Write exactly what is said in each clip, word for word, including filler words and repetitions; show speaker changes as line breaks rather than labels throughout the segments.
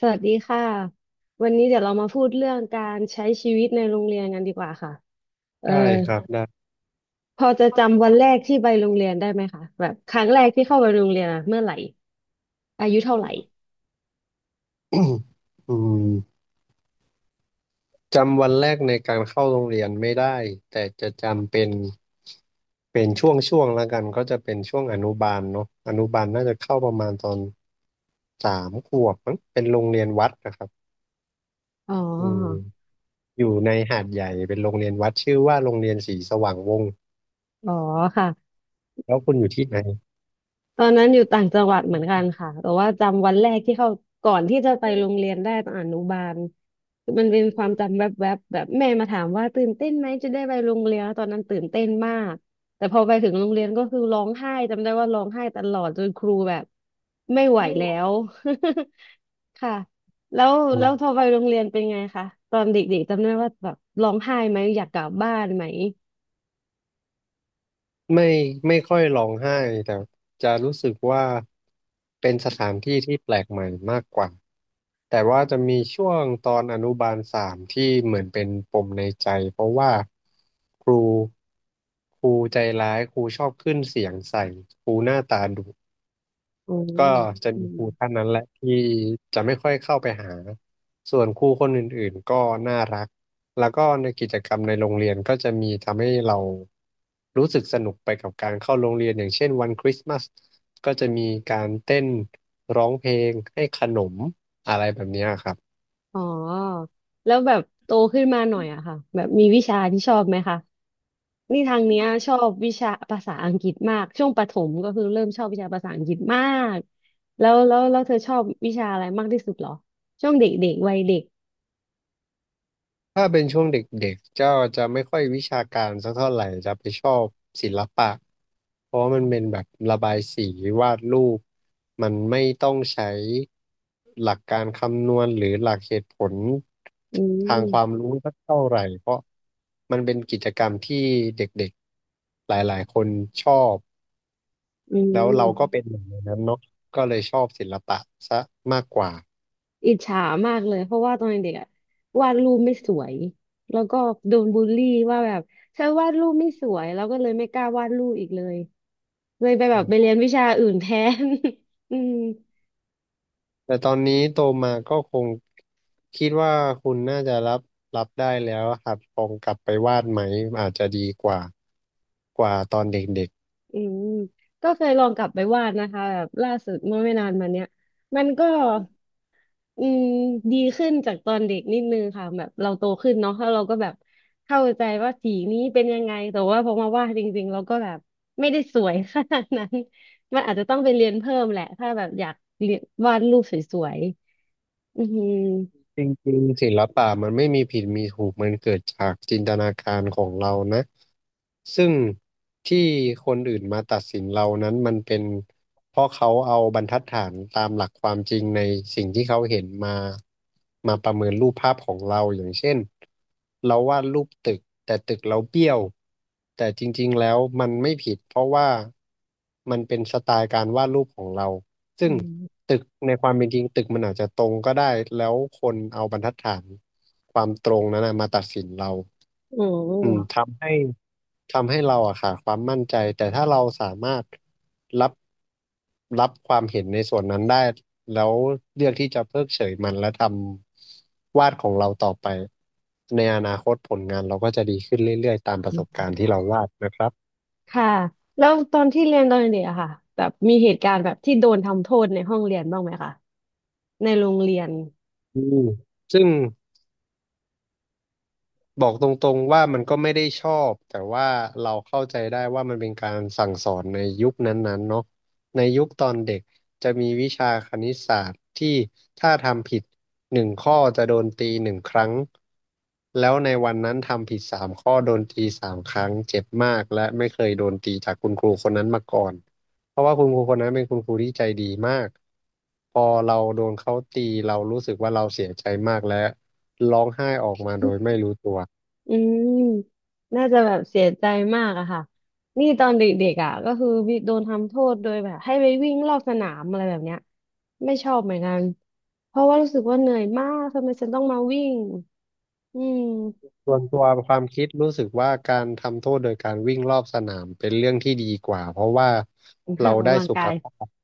สวัสดีค่ะวันนี้เดี๋ยวเรามาพูดเรื่องการใช้ชีวิตในโรงเรียนกันดีกว่าค่ะเออ
ได้ครับได้
พอจะจำวันแรกที่ไปโรงเรียนได้ไหมคะแบบครั้งแรกที่เข้าไปโรงเรียนอะเมื่อไหร่อายุเท่าไหร่
อืมจำวันแรกในการเข้าโรงเรียนไม่ได้แต่จะจำเป็นเป็นช่วงช่วงแล้วกันก็จะเป็นช่วงอนุบาลเนาะอนุบาลน่าจะเข้าประมาณตอนสามขวบมั้งเป็นโรงเรียนวัดนะครับ
อ๋อ
อืมอยู่ในหาดใหญ่เป็นโรงเรียนวัดชื่อว่าโรงเรียนศรีสว่างวงศ์
อ๋อค่ะ
แล้วคุณอยู่ที่ไหน
ตอนนั้นอยู่ต่างจังหวัดเหมือนกันค่ะแต่ว่าจำวันแรกที่เข้าก่อนที่จะไปโรงเรียนได้ตอนอนุบาลคือมันเป็นความจำแวบๆแบบแบบแม่มาถามว่าตื่นเต้นไหมจะได้ไปโรงเรียนแล้วตอนนั้นตื่นเต้นมากแต่พอไปถึงโรงเรียนก็คือร้องไห้จำได้ว่าร้องไห้ตลอดจนครูแบบไม่ไหวแล้ว ค่ะแล้วแล้วพอไปโรงเรียนเป็นไงคะตอนเด็กๆจำได้ว่าแบบร้องไห้ไหมอยากกลับบ้านไหม
ไม่ไม่ค่อยร้องไห้แต่จะรู้สึกว่าเป็นสถานที่ที่แปลกใหม่มากกว่าแต่ว่าจะมีช่วงตอนอนุบาลสามที่เหมือนเป็นปมในใจเพราะว่าครูครูใจร้ายครูชอบขึ้นเสียงใส่ครูหน้าตาดุ
อื
ก็
ม
จะ
อื
มีค
ม
รูท่านนั้นแหละที่จะไม่ค่อยเข้าไปหาส่วนครูคนอื่นๆก็น่ารักแล้วก็ในกิจกรรมในโรงเรียนก็จะมีทำให้เรารู้สึกสนุกไปกับการเข้าโรงเรียนอย่างเช่นวันคริสต์มาสก็จะมีการเต้นร้องเพลงให้ขนมอะไรแบบเนี้ยครับ
อ๋อแล้วแบบโตขึ้นมาหน่อยอะค่ะแบบมีวิชาที่ชอบไหมคะนี่ทางเนี้ยชอบวิชาภาษาอังกฤษมากช่วงประถมก็คือเริ่มชอบวิชาภาษาอังกฤษมากแล้วแล้วแล้วเธอชอบวิชาอะไรมากที่สุดเหรอช่วงเด็กๆวัยเด็ก
ถ้าเป็นช่วงเด็กๆเจ้าจะไม่ค่อยวิชาการสักเท่าไหร่จะไปชอบศิลปะเพราะว่ามันเป็นแบบระบายสีวาดรูปมันไม่ต้องใช้หลักการคำนวณหรือหลักเหตุผล
อื
ทาง
ม
ความรู้สักเท่าไหร่เพราะมันเป็นกิจกรรมที่เด็กๆหลายๆคนชอบ
อื
แล้ว
ม
เราก็เป็นหนึ่งในนั้นเนาะก็เลยชอบศิลปะซะมากกว่า
อิจฉามากเลยเพราะว่าตอนเด็กอะวาดรูปไม่สวยแล้วก็โดนบูลลี่ว่าแบบเธอวาดรูปไม่สวยแล้วก็เลยไม่กล้าวาดรูปอีกเลยเลยไปแบบไปเรียนวิชาอื่นแทน อืม
แต่ตอนนี้โตมาก็คงคิดว่าคุณน่าจะรับรับได้แล้วอะครับคงกลับไปวาดไหมอาจจะดีกว่ากว่าตอนเด็กๆ
อืมก็เคยลองกลับไปวาดนะคะแบบล่าสุดเมื่อไม่นานมาเนี้ยมันก็อืมดีขึ้นจากตอนเด็กนิดนึงค่ะแบบเราโตขึ้นเนาะแล้วเราก็แบบเข้าใจว่าสีนี้เป็นยังไงแต่ว่าพอมาวาดจริงๆเราก็แบบไม่ได้สวยขนาดนั้นมันอาจจะต้องไปเรียนเพิ่มแหละถ้าแบบอยากเรียนวาดรูปสวยๆอือหือ
จริงๆศิลปะมันไม่มีผิดมีถูกมันเกิดจากจินตนาการของเรานะซึ่งที่คนอื่นมาตัดสินเรานั้นมันเป็นเพราะเขาเอาบรรทัดฐานตามหลักความจริงในสิ่งที่เขาเห็นมามาประเมินรูปภาพของเราอย่างเช่นเราวาดรูปตึกแต่ตึกเราเบี้ยวแต่จริงๆแล้วมันไม่ผิดเพราะว่ามันเป็นสไตล์การวาดรูปของเรา ซึ่
อื
ง
ม
ตึกในความเป็นจริงตึกมันอาจจะตรงก็ได้แล้วคนเอาบรรทัดฐานความตรงนั้นนะมาตัดสินเรา
โอ
อืม
้
ทำให้ทำให้เราอะค่ะความมั่นใจแต่ถ้าเราสามารถรับรับความเห็นในส่วนนั้นได้แล้วเลือกที่จะเพิกเฉยมันและทำวาดของเราต่อไปในอนาคตผลงานเราก็จะดีขึ้นเรื่อยๆตามประสบการณ์ที่เราวาดนะครับ
ค่ะแล้วตอนที่เรียนตอนเด็กอะค่ะแบบมีเหตุการณ์แบบที่โดนทำโทษในห้องเรียนบ้างไหมคะ ในโรงเรียน
อืมซึ่ง บอกตรงๆว่ามันก็ไม่ได้ชอบแต่ว่าเราเข้าใจได้ว่ามันเป็นการสั่งสอนในยุคนั้นๆเนาะในยุคตอนเด็กจะมีวิชาคณิตศาสตร์ที่ถ้าทำผิดหนึ่งข้อจะโดนตีหนึ่งครั้ง แล้วในวันนั้นทำผิดสามข้อโดนตีสามครั้งเจ็บมากและไม่เคยโดนตีจากคุณครูคนนั้นมาก่อนเพราะว่าคุณครูคนนั้นเป็นคุณครูที่ใจดีมากพอเราโดนเขาตีเรารู้สึกว่าเราเสียใจมากและร้องไห้ออกมาโดยไม่รู้ตัว
อืมน่าจะแบบเสียใจมากอะค่ะ นี่ตอนเด็กๆอะก็คือมีโดนทำโทษโดยแบบให้ไปวิ่งรอบสนามอะไรแบบเนี้ยไม่ชอบเหมือนกัน เพราะว่ารู้สึกว่าเหนื่อยมาก ทำไมฉันต้องมาวิ่งอืม
ส่วนตัวความคิดรู้สึกว่าการทำโทษโดยการวิ่งรอบสนามเป็นเรื่องที่ดีกว่าเพราะว่า
ออ
เรา
ก
ได้
กำลัง
สุ
กา
ข
ย
ภาพ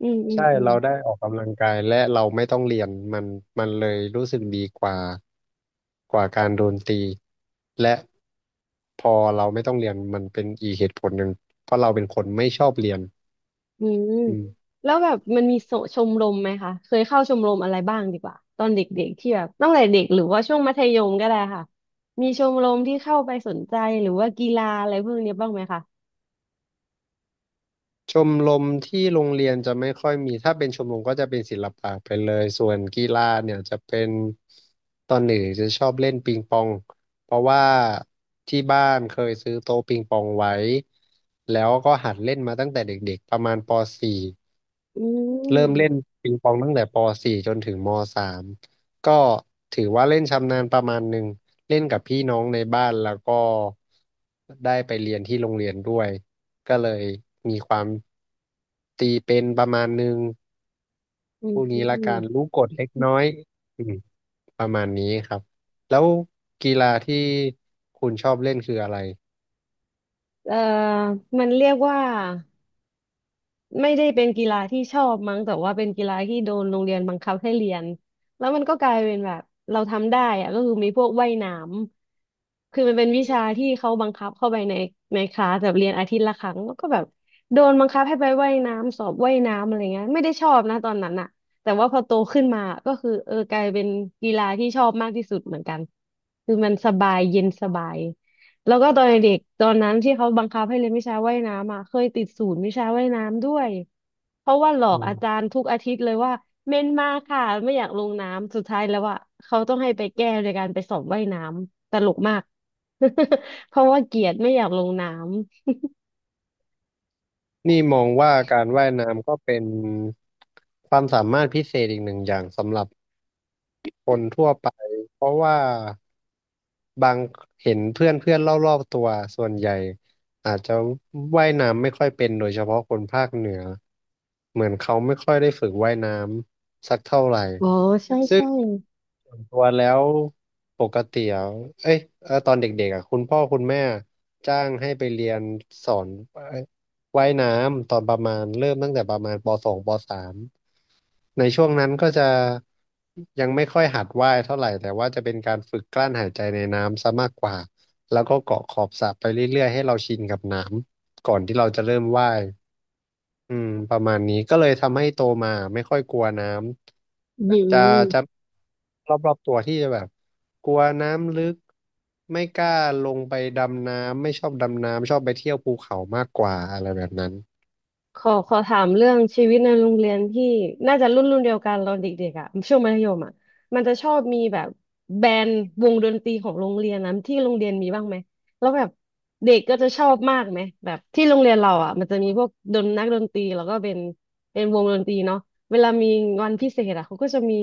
อืมอืม
ใช่
อืม
เราได้ออกกำลังกายและเราไม่ต้องเรียนมันมันเลยรู้สึกดีกว่ากว่าการโดนตีและพอเราไม่ต้องเรียนมันเป็นอีกเหตุผลหนึ่งเพราะเราเป็นคนไม่ชอบเรียน
อืม
อืม
แล้วแบบมันมีโสชมรมไหมคะเคยเข้าชมรมอะไรบ้างดีกว่าตอนเด็กๆที่แบบตั้งแต่เด็กหรือว่าช่วงมัธยมก็ได้ค่ะมีชมรมที่เข้าไปสนใจหรือว่ากีฬาอะไรพวกเนี้ยบ้างไหมคะ
ชมรมที่โรงเรียนจะไม่ค่อยมี ถ้าเป็นชมรมก็จะเป็นศิลปะไปเลย ส่วนกีฬาเนี่ยจะเป็นตอนหนึ่งจะชอบเล่นปิงปองเพราะว่าที่บ้านเคยซื้อโต๊ะปิงปองไว้ แล้วก็หัดเล่นมาตั้งแต่เด็กๆประมาณปสี่
อื
เริ่มเล่น
ม
ปิงปองตั้งแต่ปสี่จนถึงมสามก็ถือว่าเล่นชำนาญประมาณหนึ่งเล่นกับพี่น้องในบ้านแล้วก็ได้ไปเรียนที่โรงเรียนด้วยก็เลยมีความตีเป็นประมาณหนึ่ง
อื
พวกนี้ละกัน
ม
รู้กฎเล็กน้อยอืมประมาณนี้ครับแล้วกีฬาที่คุณชอบเล่นคืออะไร
เอ่อมันเรียกว่า ไม่ได้เป็นกีฬาที่ชอบมั้งแต่ว่าเป็นกีฬาที่โดนโรงเรียนบังคับให้เรียนแล้วมันก็กลายเป็นแบบเราทำได้อะก็คือมีพวกว่ายน้ำคือมันเป็นวิชาที่เขาบังคับเข้าไปในในคลาสแบบเรียนอาทิตย์ละครั้งแล้วก็แบบโดนบังคับให้ไปว่ายน้ำสอบว่ายน้ำอะไรเงี้ยไม่ได้ชอบนะตอนนั้นอะแต่ว่าพอโตขึ้นมาก็คือเออกลายเป็นกีฬาที่ชอบมากที่สุดเหมือนกันคือมันสบายเย็นสบาย แล้วก็ตอนเด็กตอนนั้นที่เขาบังคับให้เรียนวิชาว่ายน้ำอ่ะเคยติดศูนย์วิชาว่ายน้ำด้วยเพราะว่าหลอ
อื
กอาจา
ม
รย์ทุกอาทิตย์เลยว่าเมนมาค่ะไม่อยากลงน้ำสุดท้ายแล้วอ่ะเขาต้องให้ไปแก้โดยการไปสอบว่ายน้ำตลกมาก เพราะว่าเกลียดไม่อยากลงน้
นี่มองว่าการว่ายน้ำก็เป็นความสามารถพิเศษอีกหนึ่งอย่างสำหรับ คนทั่วไปเพราะว่าบางเห็นเพื่อนเพื่อนรอบๆตัวส่วนใหญ่อาจจะว่ายน้ำไม่ค่อยเป็นโดยเฉพาะคนภาคเหนือเหมือนเขาไม่ค่อยได้ฝึกว่ายน้ำสักเท่าไหร่
ำอ๋อใช่
ซึ่ง
ใช่
ส่วนตัวแล้วปกติอ่ะเอ้ยเอ่อตอนเด็กๆอ่ะคุณพ่อคุณแม่จ้างให้ไปเรียนสอนเอ่อว่ายน้ำตอนประมาณเริ่มตั้งแต่ประมาณปอสองปอสามในช่วงนั้นก็จะยังไม่ค่อยหัดว่ายเท่าไหร่แต่ว่าจะเป็นการฝึกกลั้นหายใจในน้ำซะมากกว่าแล้วก็เกาะขอบสระไปเรื่อยๆให้เราชินกับน้ำก่อนที่เราจะเริ่มว่าย อืมประมาณนี้ก็เลยทำให้โตมาไม่ค่อยกลัวน้
อื
ำจะจะ
ม
รอบๆตัวที่จะแบบกลัวน้ำลึกไม่กล้าลงไปดำน้ำไม่ชอบดำน้ำชอบไปเที่ยวภูเขามากกว่าอะไรแบบนั้น
ขอขอถามเรื่องชีวิตในโรงเรียนที่น่าจะรุ่นรุ่นเดียวกันเราเด็กๆอ่ะช่วงมัธยมอ่ะมันจะชอบมีแบบแบนด์วงดนตรีของโรงเรียนนะที่โรงเรียนมีบ้างไหมแล้วแบบเด็กก็จะชอบมากไหมแบบที่โรงเรียนเราอ่ะมันจะมีพวกดนนักดนตรีแล้วก็เป็นเป็นวงดนตรีเนาะเวลามีวันพิเศษอ่ะเขาก็จะมี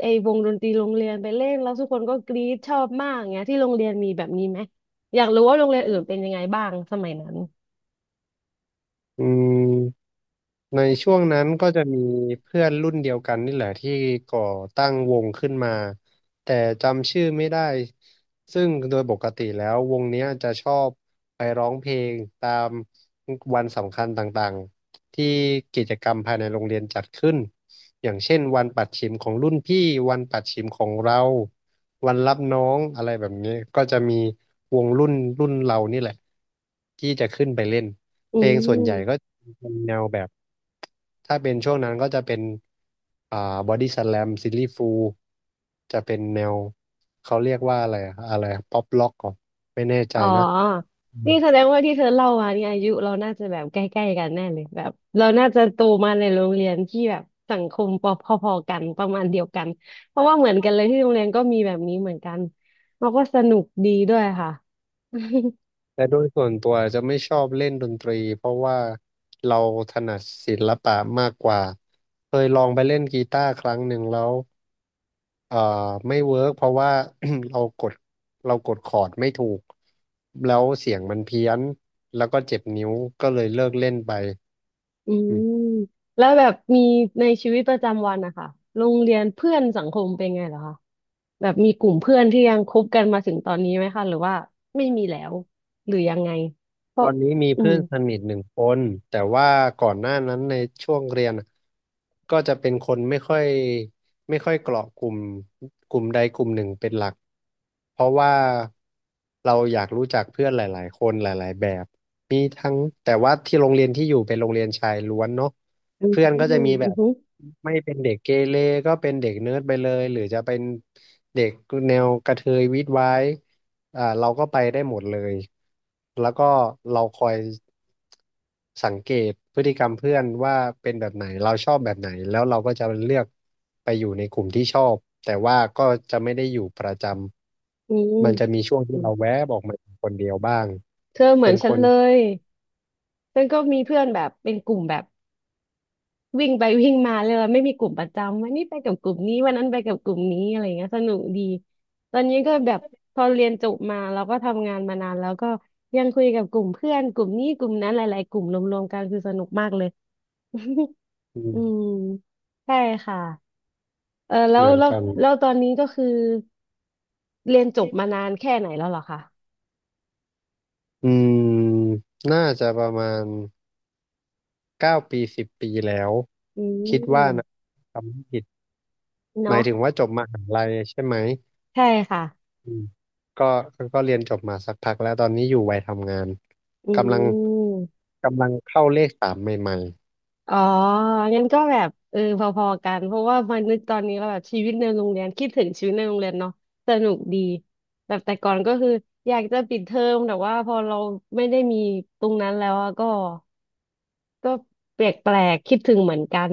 ไอ้วงดนตรีโรงเรียนไปเล่นแล้วทุกคนก็กรี๊ดชอบมากเงี้ยที่โรงเรียนมีแบบนี้ไหมอยากรู้ว่าโรงเรียนอื่นเป็นยังไงบ้างสมัยนั้น
อืม ในช่วงนั้นก็จะมีเพื่อนรุ่นเดียวกันนี่แหละที่ก่อตั้งวงขึ้นมาแต่จำชื่อไม่ได้ซึ่งโดยปกติแล้ววงเนี้ยจะชอบไปร้องเพลงตามวันสำคัญต่างๆที่กิจกรรมภายในโรงเรียนจัดขึ้นอย่างเช่นวันปัดฉิมของรุ่นพี่วันปัดฉิมของเราวันรับน้องอะไรแบบนี้ก็จะมีวงรุ่นรุ่นเรานี่แหละที่จะขึ้นไปเล่นเพ
อื
ลงส่วนใหญ่ก็
ม
เป็นแนวแบบถ้าเป็นช่วงนั้นก็จะเป็นอ่าบอดี้สแลมซิลลี่ฟูลจะเป็นแนวเขาเรียกว่าอะไรอะอะไรป๊อปล็อกก่อนไม่แน่ใจ
อ๋อ
นะอืม
นี่แสดงว่าที่เธอเล่ามาเนี่ยอายุเราน่าจะแบบใกล้ๆกันแน่เลยแบบเราน่าจะโตมาในโรงเรียนที่แบบสังคมพอพอๆกันประมาณเดียวกันเพราะว่าเหมือนกันเลยที่โรงเรียนก็มีแบบนี้เหมือนกันเราก็สนุกดีด้วยค่ะ
แต่โดยส่วนตัวจะไม่ชอบเล่นดนตรีเพราะว่าเราถนัดศิลปะมากกว่าเคยลองไปเล่นกีตาร์ครั้งหนึ่งแล้วเอ่อไม่เวิร์กเพราะว่า เรากดเรากดคอร์ดไม่ถูกแล้วเสียงมันเพี้ยนแล้วก็เจ็บนิ้วก็เลยเลิกเล่นไป
อื
อืม
มแล้วแบบมีในชีวิตประจำวันนะคะโรงเรียนเพื่อนสังคมเป็นไงเหรอคะแบบมีกลุ่มเพื่อนที่ยังคบกันมาถึงตอนนี้ไหมคะหรือว่าไม่มีแล้วหรือยังไงเพ
ตอ
ราะ
นนี้มี
อื
เพื่อ
ม
นสนิทหนึ่งคนแต่ว่าก่อนหน้านั้นในช่วงเรียนอะก็จะเป็นคนไม่ค่อยไม่ค่อยเกาะกลุ่มกลุ่มใดกลุ่มหนึ่งเป็นหลักเพราะว่าเราอยากรู้จักเพื่อนหลายๆคนหลายๆแบบมีทั้งแต่ว่าที่โรงเรียนที่อยู่เป็นโรงเรียนชายล้วนเนาะ
อืม
เพื่อนก็จะมีแบ
อื
บ
ม
ไม่เป็นเด็กเกเรก็เป็นเด็กเนิร์ดไปเลยหรือจะเป็นเด็กแนวกระเทยวิดไว้ อ่าเราก็ไปได้หมดเลยแล้วก็เราคอยสังเกตพฤติกรรมเพื่อนว่าเป็นแบบไหนเราชอบแบบไหนแล้วเราก็จะเลือกไปอยู่ในกลุ่มที่ชอบแต่ว่าก็จะไม่ได้อยู่ประจ
อื
ำ
ม
มันจะมีช่วงที่
อืม
เราแวบออกมาคนเดียวบ้าง
เธอเหมื
เป็
อน
นค
ฉัน
น
เลยฉันก็มีเพื่อนแบบเป็นกลุ่มแบบวิ่งไปวิ่งมาเลยไม่มีกลุ่มประจำวันนี้ไปกับกลุ่มนี้วันนั้นไปกับกลุ่มนี้อะไรเงี้ยสนุกดีตอนนี้ก็แบบพอเรียนจบมาเราก็ทำงานมานานแล้วก็ยังคุยกับกลุ่มเพื่อนกลุ่มนี้กลุ่มนั้นหลายๆกลุ่มรวมๆกันคือสนุกมากเลย
อื ม
อืมใช่ค่ะเออแล้
เห
ว
มือน
แล้ว
กัน
แล้วตอนนี้ก็คือเรียนจบมานานแค่ไหนแล้วเหรอคะ
อืมน่าจะประมาณเก้าปีสิบปีแล้ว
อื
คิดว่านะ
ม
ทำไม่ผิดหมาย
เนาะ
ถึงว่าจบมหาลัยใช่ไหม
ใช่ค่ะ
อืมก็ก็เรียนจบมาสักพักแล้วตอนนี้อยู่วัยทำงาน
อื
กำลัง
ม
กำลังเข้าเลขสามใหม่
อ๋องั้นก็แบบเออพอๆกันเพราะว่ามานึกตอนนี้ก็แบบชีวิตในโรงเรียนคิดถึงชีวิตในโรงเรียนเนาะสนุกดีแบบแต่ก่อนก็คืออยากจะปิดเทอมแต่ว่าพอเราไม่ได้มีตรงนั้นแล้วอะก็ก็แปลกๆคิดถึงเหมือนกัน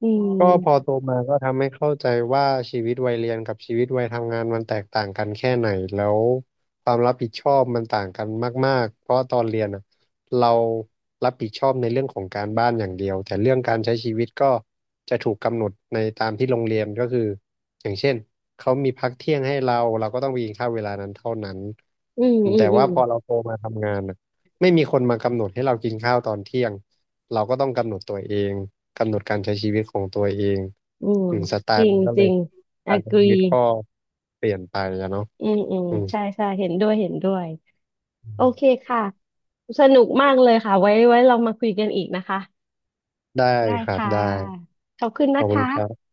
อืม
ก็พอโตมาก็ทำให้เข้าใจว่าชีวิตวัยเรียนกับชีวิตวัยทำงานมันแตกต่างกันแค่ไหนแล้วความรับผิดชอบมันต่างกันมากๆเพราะตอนเรียนอ่ะเรารับผิดชอบในเรื่องของการบ้านอย่างเดียวแต่เรื่องการใช้ชีวิตก็จะถูกกำหนดในตามที่โรงเรียนก็คืออย่างเช่นเขามีพักเที่ยงให้เราเราก็ต้องไปกินข้าวเวลานั้นเท่านั้น
อืมอื
แต่
มอื
ว่า
ม
พอเราโตมาทำงานอ่ะไม่มีคนมากำหนดให้เรากินข้าวตอนเที่ยงเราก็ต้องกำหนดตัวเอง กำหนดการใช้ชีวิตของตัวเอง
อืม
อืมสไต
จ
ล์
ริ
มั
ง
นก็
จ
เล
ริ
ย
ง
การใช้ชีวิต
agree
ก็เปลี่ยนไปอะเนาะ
อืมอืม
อืม
ใช่ใช่เห็นด้วยเห็นด้วยโอเคค่ะสนุกมากเลยค่ะไว้ไว้เรามาคุยกันอีกนะคะ
ได้
ได้
ครับ
ค่ะ
ได้
ขอบคุณ
ขอ
นะ
บ
ค
คุณครั
ะ
บ